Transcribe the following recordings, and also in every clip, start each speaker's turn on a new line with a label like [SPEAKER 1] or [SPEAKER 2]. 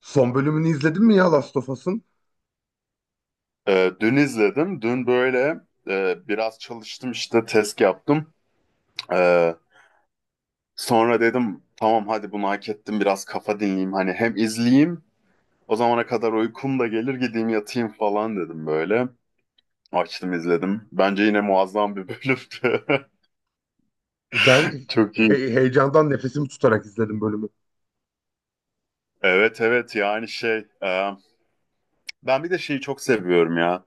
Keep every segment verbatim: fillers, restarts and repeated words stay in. [SPEAKER 1] Son bölümünü izledin mi ya Last of Us'ın?
[SPEAKER 2] Ee, dün izledim. Dün böyle e, biraz çalıştım işte test yaptım. Ee, Sonra dedim tamam hadi bunu hak ettim biraz kafa dinleyeyim. Hani hem izleyeyim o zamana kadar uykum da gelir gideyim yatayım falan dedim böyle. Açtım izledim. Bence yine muazzam bir bölümdü.
[SPEAKER 1] Ben
[SPEAKER 2] Çok
[SPEAKER 1] he-
[SPEAKER 2] iyi.
[SPEAKER 1] heyecandan nefesimi tutarak izledim bölümü.
[SPEAKER 2] Evet evet, yani şey e, ben bir de şeyi çok seviyorum ya.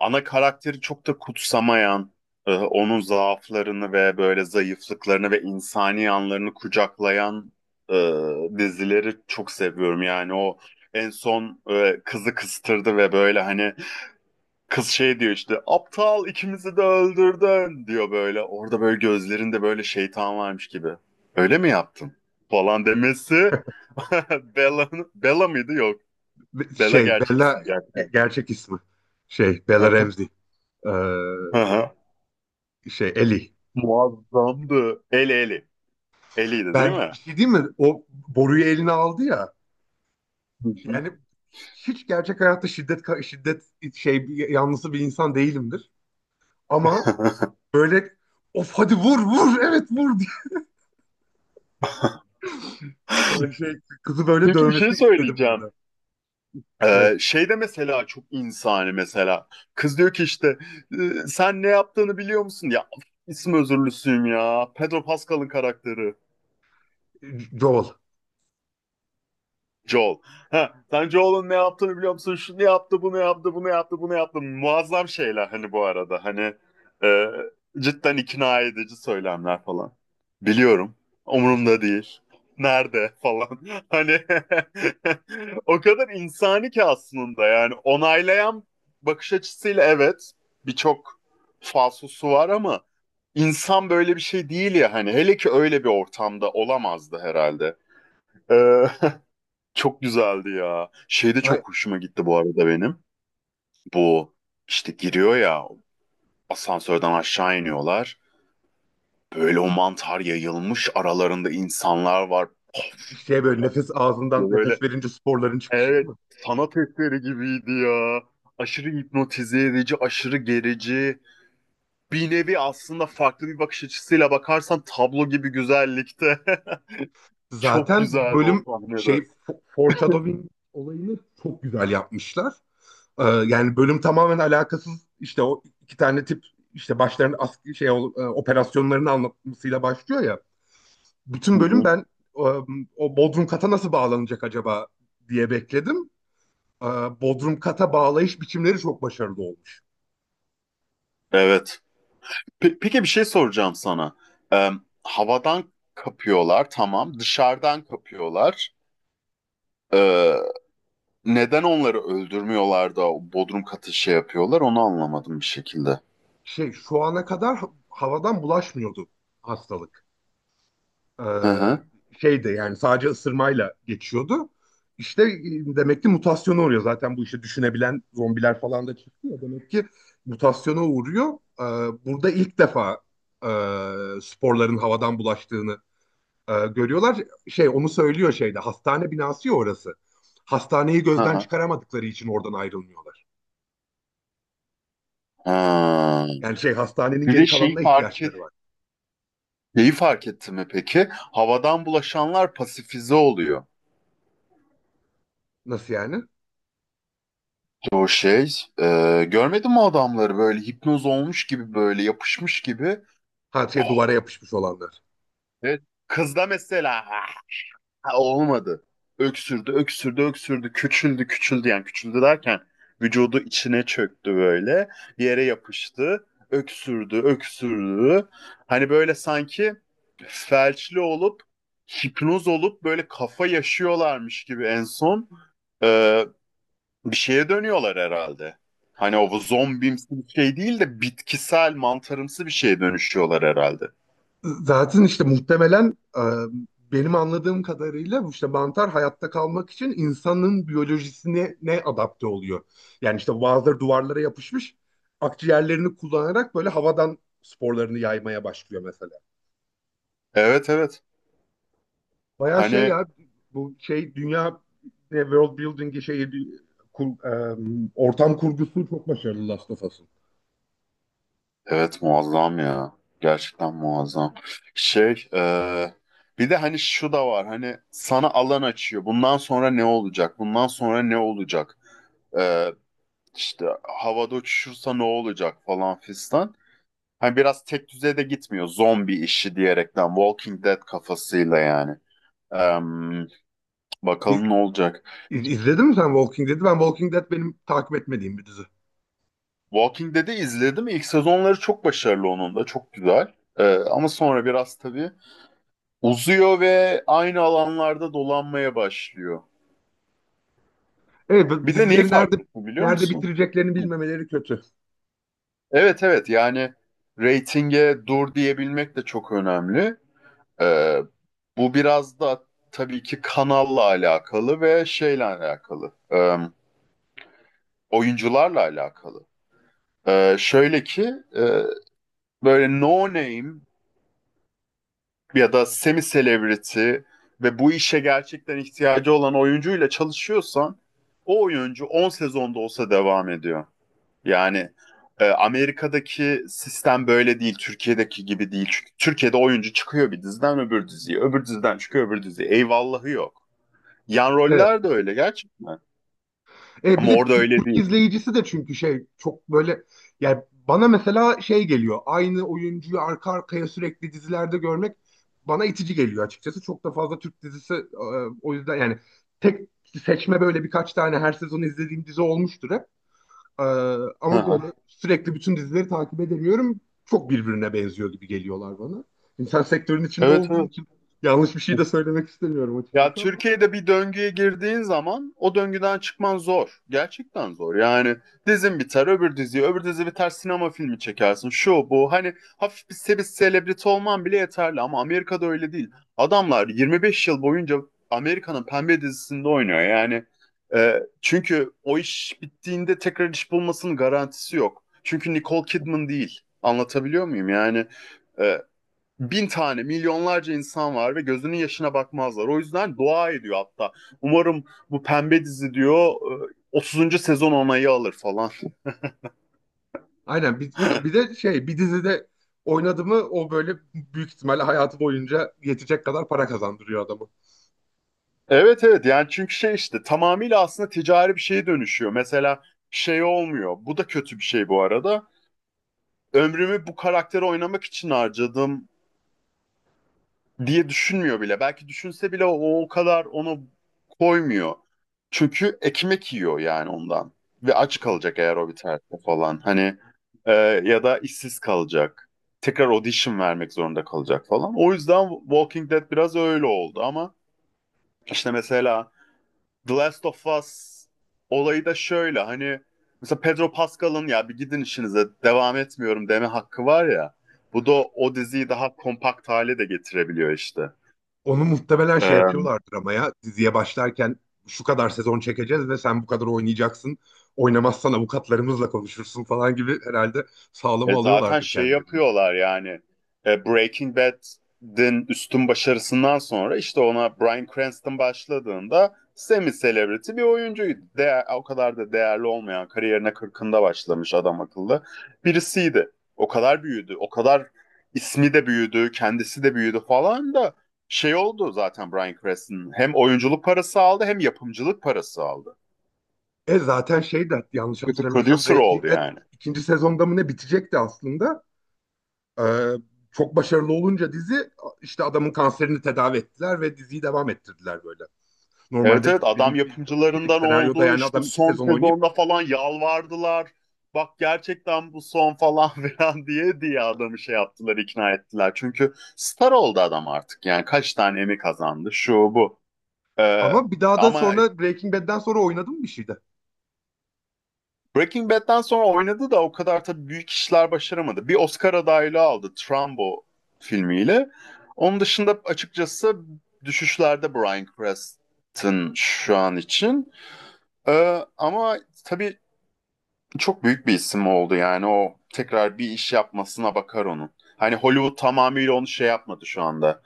[SPEAKER 2] Ana karakteri çok da kutsamayan, e, onun zaaflarını ve böyle zayıflıklarını ve insani yanlarını kucaklayan e, dizileri çok seviyorum. Yani o en son e, kızı kıstırdı ve böyle hani kız şey diyor işte aptal ikimizi de öldürdün diyor böyle. Orada böyle gözlerinde böyle şeytan varmış gibi. Öyle mi yaptın? Falan demesi. Bella, Bella mıydı? Yok.
[SPEAKER 1] Ve-
[SPEAKER 2] Bella
[SPEAKER 1] Şey
[SPEAKER 2] gerçek
[SPEAKER 1] Bella
[SPEAKER 2] ismi gerçekten.
[SPEAKER 1] ge- gerçek ismi. Şey Bella Ramsey. Ee,
[SPEAKER 2] Hı hı.
[SPEAKER 1] şey Ellie.
[SPEAKER 2] Muazzamdı. eli eli. Elliydi değil
[SPEAKER 1] Ben bir
[SPEAKER 2] mi?
[SPEAKER 1] şey diyeyim mi? O boruyu eline aldı ya. Yani hiç gerçek hayatta şiddet ka- şiddet şey bir- yanlısı bir insan değilimdir. Ama böyle of, hadi vur vur, evet vur diye. Yani şey kızı böyle
[SPEAKER 2] Peki bir şey
[SPEAKER 1] dövmesini istedim
[SPEAKER 2] söyleyeceğim.
[SPEAKER 1] orada. Evet,
[SPEAKER 2] Ee, şey de mesela çok insani mesela. Kız diyor ki işte "Ee, sen ne yaptığını biliyor musun? Ya isim özürlüsüyüm ya. Pedro Pascal'ın karakteri.
[SPEAKER 1] Joel.
[SPEAKER 2] Joel. Ha, sen Joel'ın ne yaptığını biliyor musun? Şunu yaptı, bunu yaptı, bunu yaptı, bunu yaptı. Muazzam şeyler hani bu arada. Hani e, cidden ikna edici söylemler falan. Biliyorum. Umurumda değil. Nerede falan. Hani o kadar insani ki aslında, yani onaylayan bakış açısıyla evet, birçok falsosu var ama insan böyle bir şey değil ya, hani hele ki öyle bir ortamda olamazdı herhalde. Ee, Çok güzeldi ya. Şey de
[SPEAKER 1] Ay,
[SPEAKER 2] çok hoşuma gitti bu arada benim. Bu işte giriyor ya, asansörden aşağı iniyorlar. Böyle o mantar yayılmış aralarında insanlar var. Of,
[SPEAKER 1] Şey böyle
[SPEAKER 2] of
[SPEAKER 1] nefes, ağzından
[SPEAKER 2] diye
[SPEAKER 1] nefes
[SPEAKER 2] böyle,
[SPEAKER 1] verince sporların çıkışı değil
[SPEAKER 2] evet,
[SPEAKER 1] mi?
[SPEAKER 2] sanat eseri gibiydi ya. Aşırı hipnotize edici, aşırı gerici. Bir nevi aslında farklı bir bakış açısıyla bakarsan tablo gibi güzellikte. Çok
[SPEAKER 1] Zaten
[SPEAKER 2] güzeldi o
[SPEAKER 1] bölüm şey
[SPEAKER 2] sahnede.
[SPEAKER 1] fo- foreshadowing olayını çok güzel yapmışlar. Ee, yani bölüm tamamen alakasız, işte o iki tane tip, işte başlarının askeri şey ol- e, operasyonlarını anlatmasıyla başlıyor ya.
[SPEAKER 2] Hı
[SPEAKER 1] Bütün bölüm
[SPEAKER 2] hı.
[SPEAKER 1] ben e, o Bodrum kata nasıl bağlanacak acaba diye bekledim. E, Bodrum kata bağlayış biçimleri çok başarılı olmuş.
[SPEAKER 2] Evet. Pe- Peki bir şey soracağım sana. Ee, Havadan kapıyorlar tamam. Dışarıdan kapıyorlar. Ee, Neden onları öldürmüyorlar da o bodrum katı şey yapıyorlar onu anlamadım bir şekilde.
[SPEAKER 1] Şey şu ana kadar ha- havadan bulaşmıyordu hastalık.
[SPEAKER 2] Hı
[SPEAKER 1] Ee,
[SPEAKER 2] hı.
[SPEAKER 1] şeydi yani sadece ısırmayla geçiyordu. İşte e, demek ki mutasyona uğruyor. Zaten bu işte düşünebilen zombiler falan da çıktı ya. Demek ki mutasyona uğruyor. Ee, Burada ilk defa e, sporların havadan bulaştığını e, görüyorlar. Şey onu söylüyor şeyde, hastane binası ya orası. Hastaneyi
[SPEAKER 2] Hı
[SPEAKER 1] gözden
[SPEAKER 2] hı.
[SPEAKER 1] çıkaramadıkları için oradan ayrılmıyorlar.
[SPEAKER 2] Ha.
[SPEAKER 1] Yani şey hastanenin
[SPEAKER 2] Bir
[SPEAKER 1] geri
[SPEAKER 2] de şeyi
[SPEAKER 1] kalanına
[SPEAKER 2] fark et,
[SPEAKER 1] ihtiyaçları var.
[SPEAKER 2] şeyi fark etti mi peki? Havadan bulaşanlar pasifize oluyor.
[SPEAKER 1] Nasıl yani?
[SPEAKER 2] O şey, e, görmedin mi adamları böyle hipnoz olmuş gibi böyle yapışmış gibi.
[SPEAKER 1] Ha, şey,
[SPEAKER 2] Oh,
[SPEAKER 1] duvara yapışmış olanlar.
[SPEAKER 2] evet. Kızda mesela. Ha, olmadı. Öksürdü, öksürdü, öksürdü. Küçüldü, küçüldü. Yani küçüldü derken vücudu içine çöktü böyle. Bir yere yapıştı. Öksürdü, öksürdü. Hani böyle sanki felçli olup, hipnoz olup böyle kafa yaşıyorlarmış gibi en son e, bir şeye dönüyorlar herhalde. Hani o zombimsi bir şey değil de bitkisel, mantarımsı bir şeye dönüşüyorlar herhalde.
[SPEAKER 1] Zaten işte muhtemelen e, benim anladığım kadarıyla bu, işte mantar hayatta kalmak için insanın biyolojisine ne adapte oluyor. Yani işte bazıları duvarlara yapışmış, akciğerlerini kullanarak böyle havadan sporlarını yaymaya başlıyor mesela.
[SPEAKER 2] Evet evet.
[SPEAKER 1] Bayağı şey
[SPEAKER 2] Hani
[SPEAKER 1] ya, bu şey dünya, ne, world building'i, şey e, kur- e, ortam kurgusu çok başarılı Last of Us'ın.
[SPEAKER 2] evet muazzam ya. Gerçekten muazzam. Şey, e, bir de hani şu da var. Hani sana alan açıyor. Bundan sonra ne olacak? Bundan sonra ne olacak? E, işte havada uçuşursa ne olacak falan fistan. Hani biraz tek düzeye de gitmiyor. Zombi işi diyerekten. Walking Dead kafasıyla yani. Em,
[SPEAKER 1] İz,
[SPEAKER 2] Bakalım ne olacak.
[SPEAKER 1] iz- izledin mi sen Walking Dead'i? Ben, Walking Dead benim takip etmediğim bir dizi.
[SPEAKER 2] Walking Dead'i izledim. İlk sezonları çok başarılı onun da. Çok güzel. E, ama sonra biraz tabii uzuyor ve aynı alanlarda dolanmaya başlıyor.
[SPEAKER 1] Evet, bu
[SPEAKER 2] Bir de neyi
[SPEAKER 1] dizileri nerede
[SPEAKER 2] fark etti biliyor
[SPEAKER 1] nerede
[SPEAKER 2] musun?
[SPEAKER 1] bitireceklerini bilmemeleri kötü.
[SPEAKER 2] Evet evet, yani reytinge dur diyebilmek de çok önemli. Ee, Bu biraz da tabii ki kanalla alakalı ve şeyle alakalı. Ee, oyuncularla alakalı. Ee, şöyle ki e, böyle no name ya da semi celebrity ve bu işe gerçekten ihtiyacı olan oyuncuyla çalışıyorsan o oyuncu on sezonda olsa devam ediyor. Yani e, Amerika'daki sistem böyle değil, Türkiye'deki gibi değil. Çünkü Türkiye'de oyuncu çıkıyor bir diziden öbür diziye, öbür diziden çıkıyor öbür diziye. Eyvallahı yok. Yan
[SPEAKER 1] Evet.
[SPEAKER 2] roller de öyle gerçekten.
[SPEAKER 1] E, bir
[SPEAKER 2] Ama
[SPEAKER 1] de
[SPEAKER 2] orada
[SPEAKER 1] Türk,
[SPEAKER 2] öyle
[SPEAKER 1] Türk
[SPEAKER 2] değil.
[SPEAKER 1] izleyicisi de, çünkü şey çok böyle, yani bana mesela şey geliyor. Aynı oyuncuyu arka arkaya sürekli dizilerde görmek bana itici geliyor açıkçası. Çok da fazla Türk dizisi, e, o yüzden yani tek seçme, böyle birkaç tane her sezon izlediğim dizi olmuştur hep. Ee,
[SPEAKER 2] Hı
[SPEAKER 1] Ama
[SPEAKER 2] hı.
[SPEAKER 1] böyle sürekli bütün dizileri takip edemiyorum. Çok birbirine benziyor gibi geliyorlar bana. Şimdi sen sektörün içinde
[SPEAKER 2] Evet
[SPEAKER 1] olduğun
[SPEAKER 2] evet.
[SPEAKER 1] için yanlış bir şey de söylemek istemiyorum
[SPEAKER 2] Ya
[SPEAKER 1] açıkçası ama.
[SPEAKER 2] Türkiye'de bir döngüye girdiğin zaman o döngüden çıkman zor. Gerçekten zor. Yani dizin biter, öbür dizi, öbür dizi biter, sinema filmi çekersin. Şu bu hani hafif bir se- bir selebriti olman bile yeterli ama Amerika'da öyle değil. Adamlar yirmi beş yıl boyunca Amerika'nın pembe dizisinde oynuyor. Yani e, çünkü o iş bittiğinde tekrar iş bulmasının garantisi yok. Çünkü Nicole Kidman değil. Anlatabiliyor muyum? Yani e, bin tane, milyonlarca insan var ve gözünün yaşına bakmazlar. O yüzden dua ediyor hatta. Umarım bu pembe dizi diyor e, otuzuncu sezon onayı alır falan.
[SPEAKER 1] Aynen, bir, bir de şey, bir dizide oynadı mı o, böyle büyük ihtimalle hayatı boyunca yetecek kadar para kazandırıyor adamı.
[SPEAKER 2] Evet evet, yani çünkü şey işte tamamıyla aslında ticari bir şeye dönüşüyor. Mesela şey olmuyor. Bu da kötü bir şey bu arada. Ömrümü bu karakteri oynamak için harcadım diye düşünmüyor bile. Belki düşünse bile o, o kadar onu koymuyor. Çünkü ekmek yiyor yani ondan. Ve aç kalacak eğer o biterse falan. Hani e, ya da işsiz kalacak. Tekrar audition vermek zorunda kalacak falan. O yüzden Walking Dead biraz öyle oldu ama işte mesela The Last of Us olayı da şöyle, hani mesela Pedro Pascal'ın ya bir gidin işinize devam etmiyorum deme hakkı var ya. Bu da o diziyi daha kompakt hale de getirebiliyor işte.
[SPEAKER 1] Onu muhtemelen
[SPEAKER 2] E,
[SPEAKER 1] şey yapıyorlardır ama, ya diziye başlarken şu kadar sezon çekeceğiz ve sen bu kadar oynayacaksın. Oynamazsan avukatlarımızla konuşursun falan gibi herhalde,
[SPEAKER 2] E
[SPEAKER 1] sağlama
[SPEAKER 2] zaten
[SPEAKER 1] alıyorlardır
[SPEAKER 2] şey
[SPEAKER 1] kendilerini.
[SPEAKER 2] yapıyorlar yani e, Breaking Bad'in üstün başarısından sonra işte ona Bryan Cranston başladığında semi celebrity bir oyuncuydu. Değer, o kadar da değerli olmayan kariyerine kırkında başlamış, adam akıllı birisiydi. O kadar büyüdü, o kadar ismi de büyüdü, kendisi de büyüdü falan da şey oldu zaten Bryan Cranston. Hem oyunculuk parası aldı hem yapımcılık parası aldı.
[SPEAKER 1] E zaten şey de, yanlış
[SPEAKER 2] Kötü
[SPEAKER 1] hatırlamıyorsam
[SPEAKER 2] producer oldu
[SPEAKER 1] Breaking Bad
[SPEAKER 2] yani.
[SPEAKER 1] ikinci sezonda mı ne bitecekti aslında. Ee, Çok başarılı olunca dizi, işte adamın kanserini tedavi ettiler ve diziyi devam ettirdiler böyle.
[SPEAKER 2] Evet
[SPEAKER 1] Normalde
[SPEAKER 2] evet, adam
[SPEAKER 1] benim bildiğim şey,
[SPEAKER 2] yapımcılarından
[SPEAKER 1] senaryoda
[SPEAKER 2] oldu
[SPEAKER 1] yani
[SPEAKER 2] işte
[SPEAKER 1] adam iki
[SPEAKER 2] son
[SPEAKER 1] sezon oynayıp
[SPEAKER 2] sezonda falan yalvardılar. Bak gerçekten bu son falan filan diye diye adamı şey yaptılar, ikna ettiler. Çünkü star oldu adam artık yani kaç tane Emmy kazandı şu bu. Ee,
[SPEAKER 1] ama bir daha da
[SPEAKER 2] Ama
[SPEAKER 1] sonra, Breaking Bad'den sonra oynadım bir şeyde.
[SPEAKER 2] Breaking Bad'den sonra oynadı da o kadar tabii büyük işler başaramadı. Bir Oscar adaylığı aldı Trumbo filmiyle. Onun dışında açıkçası düşüşlerde Bryan Cranston şu an için. Ee, ama tabii çok büyük bir isim oldu yani o, tekrar bir iş yapmasına bakar onun. Hani Hollywood tamamıyla onu şey yapmadı şu anda.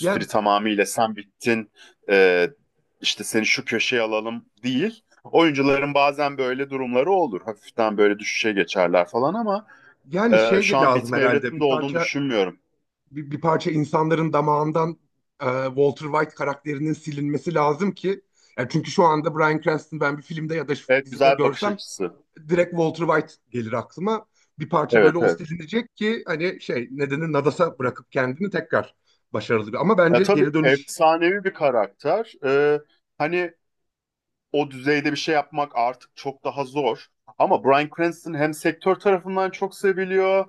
[SPEAKER 1] Yani,
[SPEAKER 2] tamamıyla sen bittin, e, işte seni şu köşeye alalım değil. Oyuncuların bazen böyle durumları olur. Hafiften böyle düşüşe geçerler falan ama
[SPEAKER 1] yani
[SPEAKER 2] e, şu
[SPEAKER 1] şey
[SPEAKER 2] an
[SPEAKER 1] lazım
[SPEAKER 2] bitme
[SPEAKER 1] herhalde bir
[SPEAKER 2] evresinde olduğunu
[SPEAKER 1] parça,
[SPEAKER 2] düşünmüyorum.
[SPEAKER 1] bir, bir parça insanların damağından e, Walter White karakterinin silinmesi lazım ki, yani çünkü şu anda Bryan Cranston ben bir filmde ya da şu
[SPEAKER 2] Evet,
[SPEAKER 1] dizide
[SPEAKER 2] güzel bir bakış
[SPEAKER 1] görsem
[SPEAKER 2] açısı.
[SPEAKER 1] direkt Walter White gelir aklıma. Bir parça
[SPEAKER 2] Evet
[SPEAKER 1] böyle o
[SPEAKER 2] evet.
[SPEAKER 1] silinecek ki, hani şey nedeni Nadas'a bırakıp kendini tekrar başarılı bir. Ama
[SPEAKER 2] Ya
[SPEAKER 1] bence
[SPEAKER 2] tabii
[SPEAKER 1] geri dönüş,
[SPEAKER 2] efsanevi bir karakter. E, hani o düzeyde bir şey yapmak artık çok daha zor. Ama Bryan Cranston hem sektör tarafından çok seviliyor,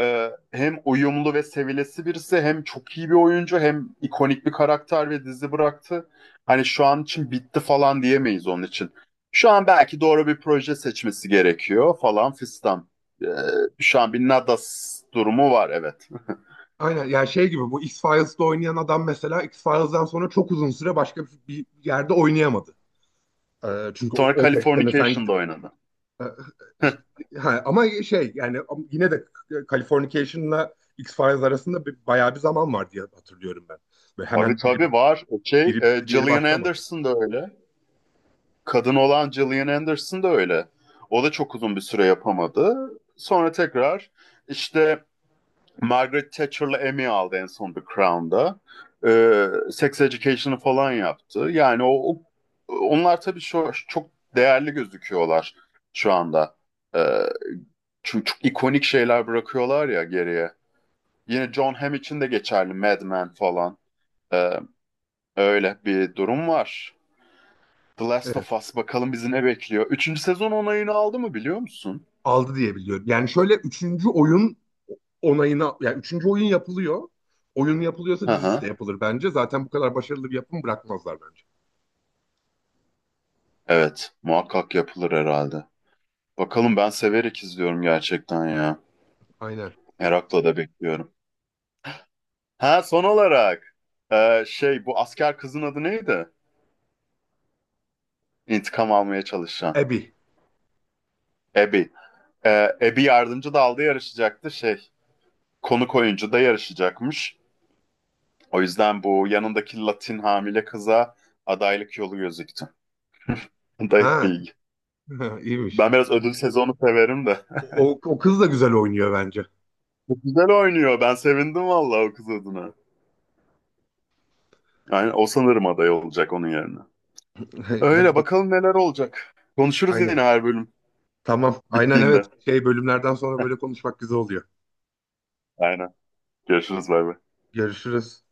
[SPEAKER 2] e, hem uyumlu ve sevilesi birisi, hem çok iyi bir oyuncu, hem ikonik bir karakter ve dizi bıraktı. Hani şu an için bitti falan diyemeyiz onun için. Şu an belki doğru bir proje seçmesi gerekiyor falan fistan. E, Şu an bir Nadas durumu var, evet.
[SPEAKER 1] aynen yani şey gibi, bu X-Files'da oynayan adam mesela X-Files'dan sonra çok uzun süre başka bir, bir yerde oynayamadı. Ee, çünkü o-
[SPEAKER 2] Sonra
[SPEAKER 1] on beş sene sen
[SPEAKER 2] Californication'da
[SPEAKER 1] gidip
[SPEAKER 2] oynadı.
[SPEAKER 1] e, işte, ha, ama şey yani am- yine de Californication'la X-Files arasında bir, bayağı bir zaman var diye hatırlıyorum ben. Böyle
[SPEAKER 2] Tabii
[SPEAKER 1] hemen biri,
[SPEAKER 2] tabii
[SPEAKER 1] bit-
[SPEAKER 2] var. Şey,
[SPEAKER 1] biri
[SPEAKER 2] e,
[SPEAKER 1] bitti diğeri
[SPEAKER 2] Gillian
[SPEAKER 1] başlamadı.
[SPEAKER 2] Anderson da öyle. Kadın olan Gillian Anderson da öyle. O da çok uzun bir süre yapamadı. Sonra tekrar işte Margaret Thatcher'la Emmy aldı en son The Crown'da. Ee, Sex Education'ı falan yaptı. Yani o, o- onlar tabii şu, çok değerli gözüküyorlar şu anda. Ee, Çünkü çok ikonik şeyler bırakıyorlar ya geriye. Yine John Hamm için de geçerli, Mad Men falan. Ee, Öyle bir durum var. The Last of
[SPEAKER 1] Evet.
[SPEAKER 2] Us bakalım bizi ne bekliyor. Üçüncü sezon onayını aldı mı biliyor musun?
[SPEAKER 1] Aldı diye biliyorum. Yani şöyle, üçüncü oyun onayına, yani üçüncü oyun yapılıyor. Oyun yapılıyorsa
[SPEAKER 2] Hı
[SPEAKER 1] dizisi de
[SPEAKER 2] hı.
[SPEAKER 1] yapılır bence. Zaten bu kadar başarılı bir yapım bırakmazlar bence.
[SPEAKER 2] Evet, muhakkak yapılır herhalde. Bakalım, ben severek izliyorum gerçekten ya.
[SPEAKER 1] Aynen.
[SPEAKER 2] Merakla da bekliyorum. Ha, son olarak e, şey bu asker kızın adı neydi? İntikam almaya çalışan.
[SPEAKER 1] Abby.
[SPEAKER 2] Abby. E, Abby yardımcı dalda yarışacaktı şey. Konuk oyuncu da yarışacakmış. O yüzden bu yanındaki Latin hamile kıza adaylık yolu gözüktü. Dayık
[SPEAKER 1] Ha.
[SPEAKER 2] bilgi.
[SPEAKER 1] iyiymiş.
[SPEAKER 2] Ben biraz ödül sezonu severim de.
[SPEAKER 1] O, o kız da güzel oynuyor bence.
[SPEAKER 2] Çok güzel oynuyor. Ben sevindim vallahi o kız adına. Yani o sanırım aday olacak onun yerine. Öyle
[SPEAKER 1] Hadi bakalım.
[SPEAKER 2] bakalım neler olacak. Konuşuruz yine
[SPEAKER 1] Aynen.
[SPEAKER 2] her bölüm
[SPEAKER 1] Tamam. Aynen, evet.
[SPEAKER 2] bittiğinde.
[SPEAKER 1] Şey, bölümlerden sonra böyle konuşmak güzel oluyor.
[SPEAKER 2] Aynen. Görüşürüz, bay bay.
[SPEAKER 1] Görüşürüz.